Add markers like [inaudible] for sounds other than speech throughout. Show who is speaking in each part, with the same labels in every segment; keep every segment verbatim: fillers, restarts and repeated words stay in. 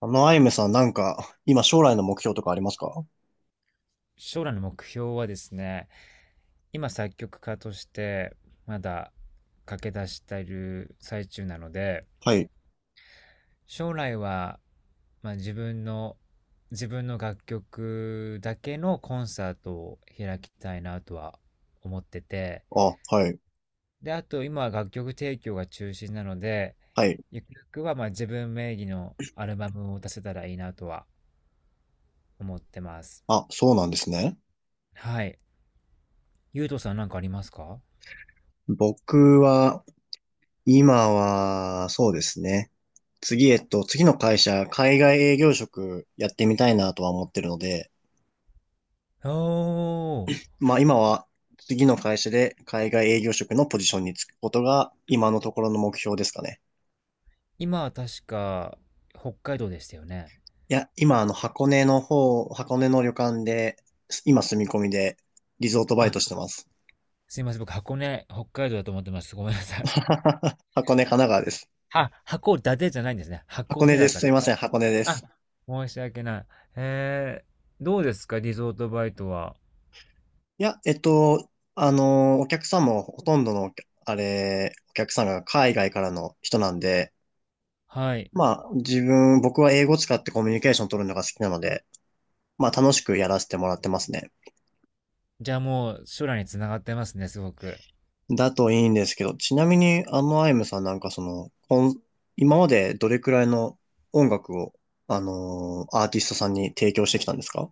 Speaker 1: あの、アイムさん、なんか、今将来の目標とかありますか？
Speaker 2: 将来の目標はですね、今作曲家としてまだ駆け出している最中なので、
Speaker 1: はい。
Speaker 2: 将来は、まあ、自分の、自分の楽曲だけのコンサートを開きたいなとは思ってて、
Speaker 1: あ、はい。
Speaker 2: で、あと今は楽曲提供が中心なので、
Speaker 1: はい。
Speaker 2: ゆくゆくはまあ自分名義のアルバムを出せたらいいなとは思ってます。
Speaker 1: あ、そうなんですね。
Speaker 2: はい。ゆうとさんなんかありますか？
Speaker 1: 僕は、今は、そうですね。次、えっと、次の会社、海外営業職やってみたいなとは思ってるので、
Speaker 2: おー、
Speaker 1: まあ今は、次の会社で海外営業職のポジションにつくことが、今のところの目標ですかね。
Speaker 2: 今は確か、北海道でしたよね。
Speaker 1: いや、今、あの、箱根の方、箱根の旅館で、今住み込みで、リゾートバイ
Speaker 2: あ、
Speaker 1: トしてます。
Speaker 2: すいません。僕、箱根、北海道だと思ってました。ごめんなさい。
Speaker 1: [laughs] 箱根、神奈川です。
Speaker 2: [laughs] あ、函館じゃないんですね。
Speaker 1: 箱
Speaker 2: 箱
Speaker 1: 根
Speaker 2: 根だ
Speaker 1: で
Speaker 2: っ
Speaker 1: す。
Speaker 2: たん
Speaker 1: す
Speaker 2: で
Speaker 1: いま
Speaker 2: すね。
Speaker 1: せん、箱根で
Speaker 2: あ、
Speaker 1: す。
Speaker 2: 申し訳ない。えー、どうですかリゾートバイトは。
Speaker 1: いや、えっと、あの、お客さんもほとんどの、あれ、お客さんが海外からの人なんで、
Speaker 2: はい。
Speaker 1: まあ、自分、僕は英語使ってコミュニケーション取るのが好きなので、まあ、楽しくやらせてもらってますね。
Speaker 2: じゃあもう、将来につながってますね、すごく。
Speaker 1: だといいんですけど、ちなみに、あの、アイムさんなんかその、こん今までどれくらいの音楽を、あのアーティストさんに提供してきたんですか？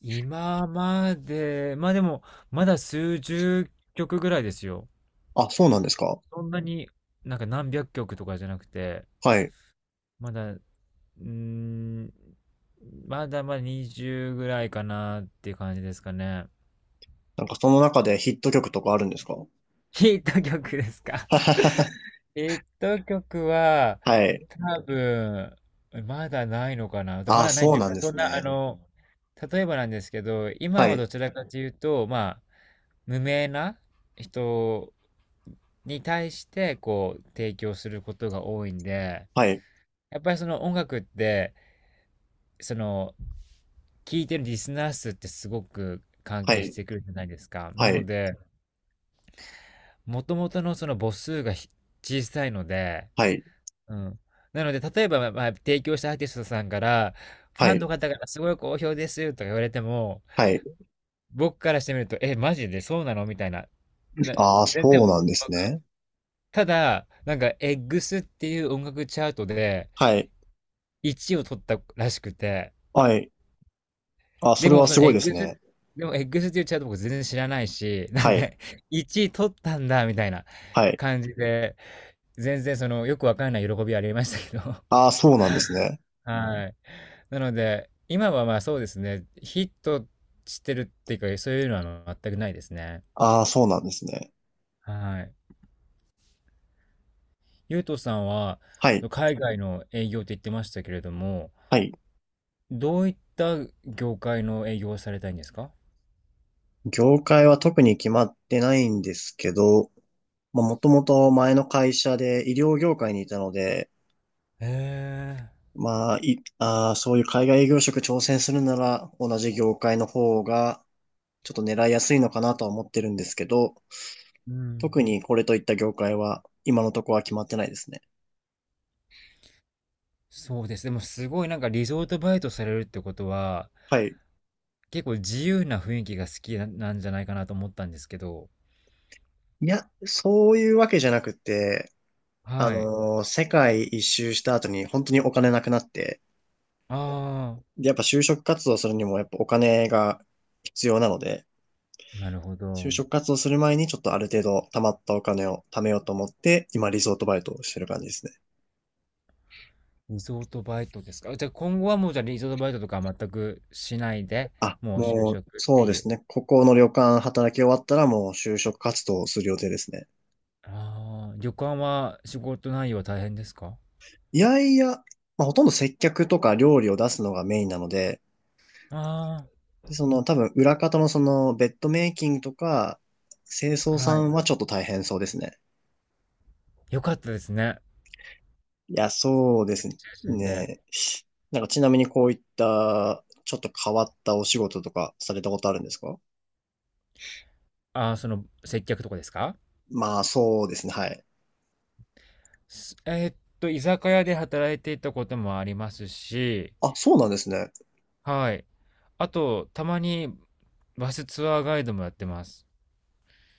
Speaker 2: 今まで、まあでも、まだ数十曲ぐらいですよ。
Speaker 1: あ、そうなんですか？
Speaker 2: そんなになんか何百曲とかじゃなくて、
Speaker 1: はい。
Speaker 2: まだうーん、まだまだにじゅうぐらいかなっていう感じですかね。[laughs]
Speaker 1: なんかその中でヒット曲とかあるんですか？ [laughs]
Speaker 2: ヒット曲ですか？ [laughs] ヒット曲は、
Speaker 1: はい。
Speaker 2: 多分、まだないのかな。ま
Speaker 1: ああ、
Speaker 2: だない
Speaker 1: そ
Speaker 2: と
Speaker 1: う
Speaker 2: いう
Speaker 1: なん
Speaker 2: か、
Speaker 1: で
Speaker 2: そん
Speaker 1: す
Speaker 2: な、あ
Speaker 1: ね。
Speaker 2: の、例えばなんですけど、
Speaker 1: は
Speaker 2: 今は
Speaker 1: い、
Speaker 2: どちらかというと、まあ、無名な人に対して、こう、提供することが多いんで、
Speaker 1: はい、
Speaker 2: やっぱりその音楽って、その聞いてるリスナー数ってすごく関
Speaker 1: は
Speaker 2: 係し
Speaker 1: い、
Speaker 2: てくるじゃないですか。
Speaker 1: は
Speaker 2: なの
Speaker 1: い、
Speaker 2: で、もともとのその母数がひ小さいので、
Speaker 1: はい、
Speaker 2: うん。なので、例えば、まあまあ、提供したアーティストさんから、フ
Speaker 1: は
Speaker 2: ァンの
Speaker 1: い、
Speaker 2: 方からすごい好評ですとか言われても、
Speaker 1: はい。
Speaker 2: 僕からしてみると、え、マジでそうなのみたいな。な、
Speaker 1: ああ、
Speaker 2: 全然、
Speaker 1: そうなんで
Speaker 2: な
Speaker 1: す
Speaker 2: んか、
Speaker 1: ね。
Speaker 2: ただ、なんか、エッグスっていう音楽チャートで
Speaker 1: はい、
Speaker 2: いちいを取ったらしくて、
Speaker 1: はい。ああ、そ
Speaker 2: で
Speaker 1: れ
Speaker 2: も、
Speaker 1: は
Speaker 2: そ
Speaker 1: す
Speaker 2: のエ
Speaker 1: ごい
Speaker 2: ッ
Speaker 1: です
Speaker 2: グス、
Speaker 1: ね。
Speaker 2: でもエッグスって言っちゃうと僕全然知らないし、[laughs] なん
Speaker 1: は
Speaker 2: か
Speaker 1: い、
Speaker 2: いちい取ったんだみたいな
Speaker 1: はい。
Speaker 2: 感じで、全然そのよくわかんない喜びはありましたけど。
Speaker 1: ああ、そうなんですね。
Speaker 2: はい。なので、今はまあそうですね、ヒットしてるっていうか、そういうのは全くないですね。
Speaker 1: ああ、そうなんですね。
Speaker 2: はい。ゆうとさんは、
Speaker 1: は
Speaker 2: そ
Speaker 1: い、
Speaker 2: の海外の営業って言ってましたけれども、
Speaker 1: はい。
Speaker 2: どういった業界の営業をされたいんですか？
Speaker 1: 業界は特に決まってないんですけど、まあ、もともと前の会社で医療業界にいたので、
Speaker 2: へえ。
Speaker 1: まあ、い、ああ、そういう海外営業職挑戦するなら同じ業界の方がちょっと狙いやすいのかなとは思ってるんですけど、
Speaker 2: うん。
Speaker 1: 特にこれといった業界は今のところは決まってないですね。
Speaker 2: そうです。でもすごいなんかリゾートバイトされるってことは、
Speaker 1: はい。
Speaker 2: 結構自由な雰囲気が好きななんじゃないかなと思ったんですけど。
Speaker 1: いや、そういうわけじゃなくて、あ
Speaker 2: はい。
Speaker 1: のー世界一周した後に本当にお金なくなって、
Speaker 2: あ
Speaker 1: でやっぱ就職活動するにもやっぱお金が必要なので、
Speaker 2: あ、なるほ
Speaker 1: 就
Speaker 2: ど。
Speaker 1: 職活動する前にちょっとある程度貯まったお金を貯めようと思って、今リゾートバイトをしてる感じですね。
Speaker 2: リゾートバイトですか。じゃあ今後はもうじゃあリゾートバイトとかは全くしないで、
Speaker 1: あ、
Speaker 2: もう就
Speaker 1: もう、
Speaker 2: 職っ
Speaker 1: そ
Speaker 2: て
Speaker 1: うで
Speaker 2: い
Speaker 1: す
Speaker 2: う。
Speaker 1: ね。ここの旅館働き終わったらもう就職活動をする予定ですね。
Speaker 2: ああ、旅館は仕事内容は大変ですか？
Speaker 1: いやいや、まあ、ほとんど接客とか料理を出すのがメインなので、
Speaker 2: あ
Speaker 1: でその多分裏方のそのベッドメイキングとか、清
Speaker 2: あ
Speaker 1: 掃
Speaker 2: ー、
Speaker 1: さ
Speaker 2: はい。
Speaker 1: んはちょっと大変そうですね。
Speaker 2: よかったですね。
Speaker 1: いや、そうです
Speaker 2: 中心で。
Speaker 1: ね。なんかちなみにこういったちょっと変わったお仕事とかされたことあるんですか？
Speaker 2: ああ、その接客とかですか？
Speaker 1: まあそうですね、はい。
Speaker 2: すえーっと、居酒屋で働いていたこともありますし、
Speaker 1: あ、そうなんですね。
Speaker 2: はい。あと、たまにバスツアーガイドもやってます。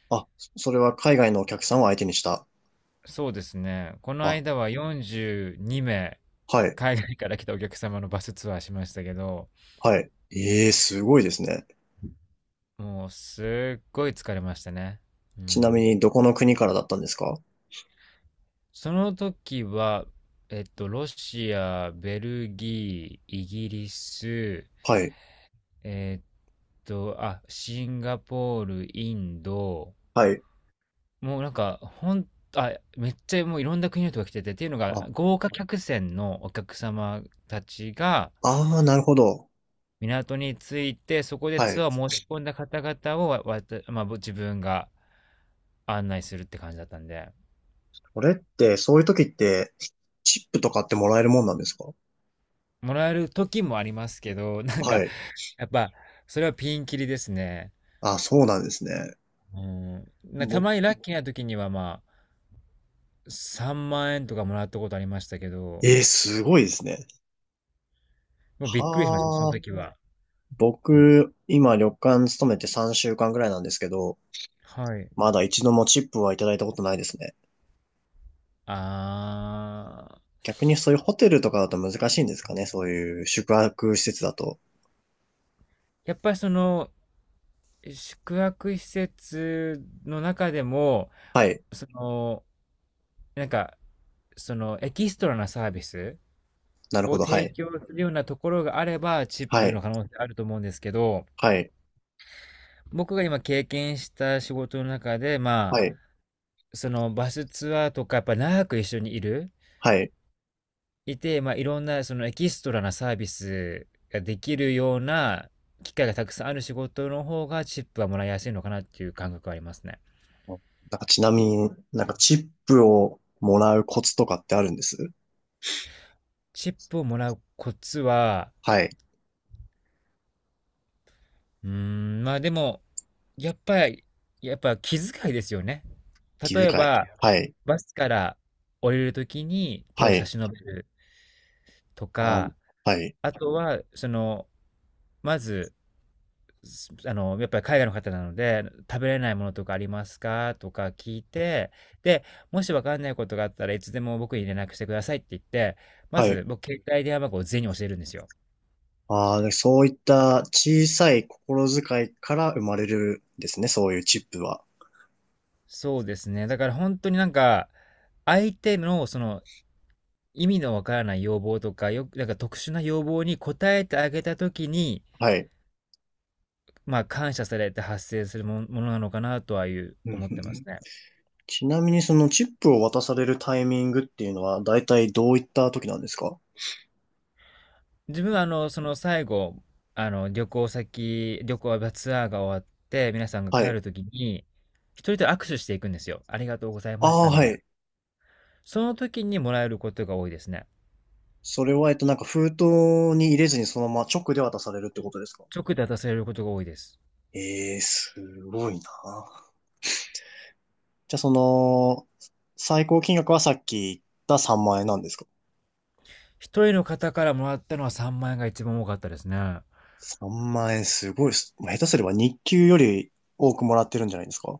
Speaker 1: あ、そそれは海外のお客さんを相手にした。
Speaker 2: そうですね。この
Speaker 1: あ、
Speaker 2: 間はよんじゅうに名、
Speaker 1: はい、
Speaker 2: 海外から来たお客様のバスツアーしましたけど、
Speaker 1: はい。ええ、すごいですね。
Speaker 2: もうすっごい疲れましたね。う
Speaker 1: ちなみ
Speaker 2: ん。
Speaker 1: にどこの国からだったんですか？
Speaker 2: その時は、えっと、ロシア、ベルギー、イギリス、
Speaker 1: はい、
Speaker 2: えっと、あ、シンガポール、インド、
Speaker 1: はい。
Speaker 2: もうなんか、ほんあ、めっちゃもういろんな国の人が来てて、っていうの
Speaker 1: あ、
Speaker 2: が、豪華客船のお客様たちが
Speaker 1: ああ、なるほど。
Speaker 2: 港に着いて、そこで
Speaker 1: は
Speaker 2: ツ
Speaker 1: い。
Speaker 2: アーを申し込んだ方々をわわた、まあ、ぼ自分が案内するって感じだったんで、
Speaker 1: それって、そういう時って、チップとかってもらえるもんなんですか？
Speaker 2: もらえる時もありますけど、[laughs] なん
Speaker 1: は
Speaker 2: か、
Speaker 1: い。
Speaker 2: やっぱ、それはピンキリですね。
Speaker 1: あ、そうなんですね。
Speaker 2: うん。なた
Speaker 1: 僕、
Speaker 2: まにラッキーな時には、まあ、さんまん円とかもらったことありましたけど、
Speaker 1: えー、すごいですね。
Speaker 2: もうびっくりしました、その
Speaker 1: はあ。
Speaker 2: 時は。うん。
Speaker 1: 僕、今旅館勤めてさんしゅうかんぐらいなんですけど、
Speaker 2: はい。
Speaker 1: まだ一度もチップはいただいたことないですね。
Speaker 2: あー、
Speaker 1: 逆にそういうホテルとかだと難しいんですかね、そういう宿泊施設だと。
Speaker 2: やっぱりその宿泊施設の中でも
Speaker 1: はい。
Speaker 2: そのなんかそのエキストラなサービス
Speaker 1: なるほ
Speaker 2: を
Speaker 1: ど。は
Speaker 2: 提
Speaker 1: い。
Speaker 2: 供するようなところがあればチッ
Speaker 1: は
Speaker 2: プ
Speaker 1: い。
Speaker 2: の可能性あると思うんですけど、
Speaker 1: はい。
Speaker 2: 僕が今経験した仕事の中でま
Speaker 1: はい。
Speaker 2: あそのバスツアーとかやっぱ長く一緒にいる
Speaker 1: はい。
Speaker 2: いて、まあ、いろんなそのエキストラなサービスができるような機会がたくさんある仕事の方がチップはもらいやすいのかなっていう感覚はありますね。
Speaker 1: なんかちなみになんかチップをもらうコツとかってあるんです？
Speaker 2: チップをもらうコツは、
Speaker 1: はい。
Speaker 2: うーん、まあでも、やっぱり、やっぱ気遣いですよね。
Speaker 1: 気遣
Speaker 2: 例え
Speaker 1: い。
Speaker 2: ば、
Speaker 1: はい。
Speaker 2: バスから降りるときに手
Speaker 1: は
Speaker 2: を差
Speaker 1: い。
Speaker 2: し伸べると
Speaker 1: あ、
Speaker 2: か、
Speaker 1: はい。
Speaker 2: あとは、その、まず、あの、やっぱり海外の方なので、食べれないものとかありますかとか聞いて、で、もしわかんないことがあったらいつでも僕に連絡してくださいって言って、ま
Speaker 1: はい。
Speaker 2: ず僕携帯電話番号を全員に教えるんですよ。
Speaker 1: ああ、でそういった小さい心遣いから生まれるんですね。そういうチップは。
Speaker 2: そうですね。だから本当になんか、相手のその意味のわからない要望とか、よく、なんか特殊な要望に応えてあげたときに、
Speaker 1: はい。
Speaker 2: まあ感謝されて発生するもものなのかなとはいう
Speaker 1: うんうん
Speaker 2: 思っ
Speaker 1: う
Speaker 2: てます
Speaker 1: ん
Speaker 2: ね。
Speaker 1: ちなみにそのチップを渡されるタイミングっていうのは大体どういった時なんですか？
Speaker 2: 自分はあの、その最後、あの、旅行先、旅行やツアーが終わって、皆さんが
Speaker 1: は
Speaker 2: 帰
Speaker 1: い。
Speaker 2: るときに、一人と握手していくんですよ。ありがとうござい
Speaker 1: あ
Speaker 2: まし
Speaker 1: あ、
Speaker 2: たみ
Speaker 1: は
Speaker 2: たいな。
Speaker 1: い。
Speaker 2: その時にもらえることが多いですね。
Speaker 1: それは、えっと、なんか封筒に入れずにそのまま直で渡されるってことですか？
Speaker 2: 直で渡されることが多いです。
Speaker 1: ええー、すごいな。じゃあその、最高金額はさっき言ったさんまん円なんですか？
Speaker 2: 一人の方からもらったのはさんまん円が一番多かったですね。
Speaker 1: さん 万円すごいっす。もう下手すれば日給より多くもらってるんじゃないですか？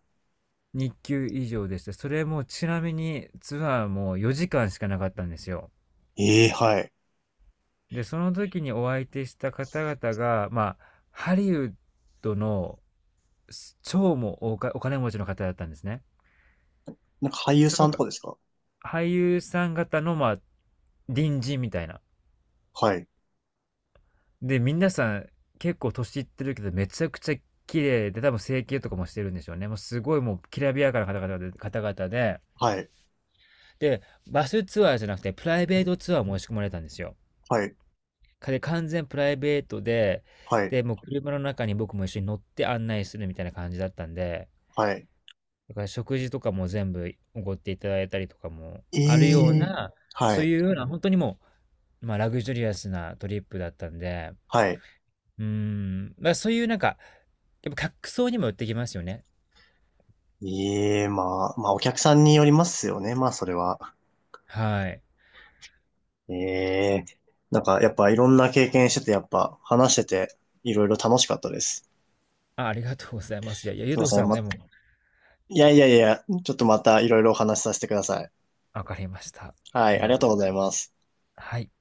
Speaker 2: 日給以上でした。それもちなみにツアーもよじかんしかなかったんですよ。
Speaker 1: ええはい。
Speaker 2: で、その時にお相手した方々が、まあ、ハリウッドの超もうおかお金持ちの方だったんですね。
Speaker 1: なんか俳優
Speaker 2: そ
Speaker 1: さ
Speaker 2: の
Speaker 1: んとかですか？
Speaker 2: 俳優さん方の、まあ、隣人みたいな。
Speaker 1: はい。
Speaker 2: で、皆さん結構年いってるけど、めちゃくちゃ綺麗で、多分整形とかもしてるんでしょうね。もうすごいもうきらびやかな方々で、方々で、
Speaker 1: はい。
Speaker 2: で、バスツアーじゃなくて、プライベートツアーも申し込まれたんですよ。
Speaker 1: はい。
Speaker 2: で、完全プライベートで、
Speaker 1: はい。
Speaker 2: で、もう車の中に僕も一緒に乗って案内するみたいな感じだったんで、
Speaker 1: はい。
Speaker 2: だから食事とかも全部奢っていただいたりとかも
Speaker 1: え
Speaker 2: あるよう
Speaker 1: え
Speaker 2: な、
Speaker 1: は
Speaker 2: そう
Speaker 1: い。
Speaker 2: いうような、本当にもう、まあ、ラグジュリアスなトリップだったんで、
Speaker 1: はい。
Speaker 2: うーん、まあ、そういうなんか、やっぱ客層にも寄ってきますよね。
Speaker 1: ええまあ、まあお客さんによりますよね。まあそれは。
Speaker 2: はい。
Speaker 1: ええなんかやっぱいろんな経験してて、やっぱ話してていろいろ楽しかったです。
Speaker 2: あ、ありがとうございます。いやいや、
Speaker 1: す
Speaker 2: ゆう
Speaker 1: いま
Speaker 2: とう
Speaker 1: せ
Speaker 2: さんはね、もう、
Speaker 1: ん。いやいやいや、ちょっとまたいろいろお話しさせてください。
Speaker 2: 分かりました。
Speaker 1: は
Speaker 2: あ
Speaker 1: い、
Speaker 2: り
Speaker 1: あり
Speaker 2: が
Speaker 1: が
Speaker 2: とう
Speaker 1: とう
Speaker 2: ご
Speaker 1: ご
Speaker 2: ざ
Speaker 1: ざ
Speaker 2: い
Speaker 1: い
Speaker 2: ます。
Speaker 1: ます。
Speaker 2: はい。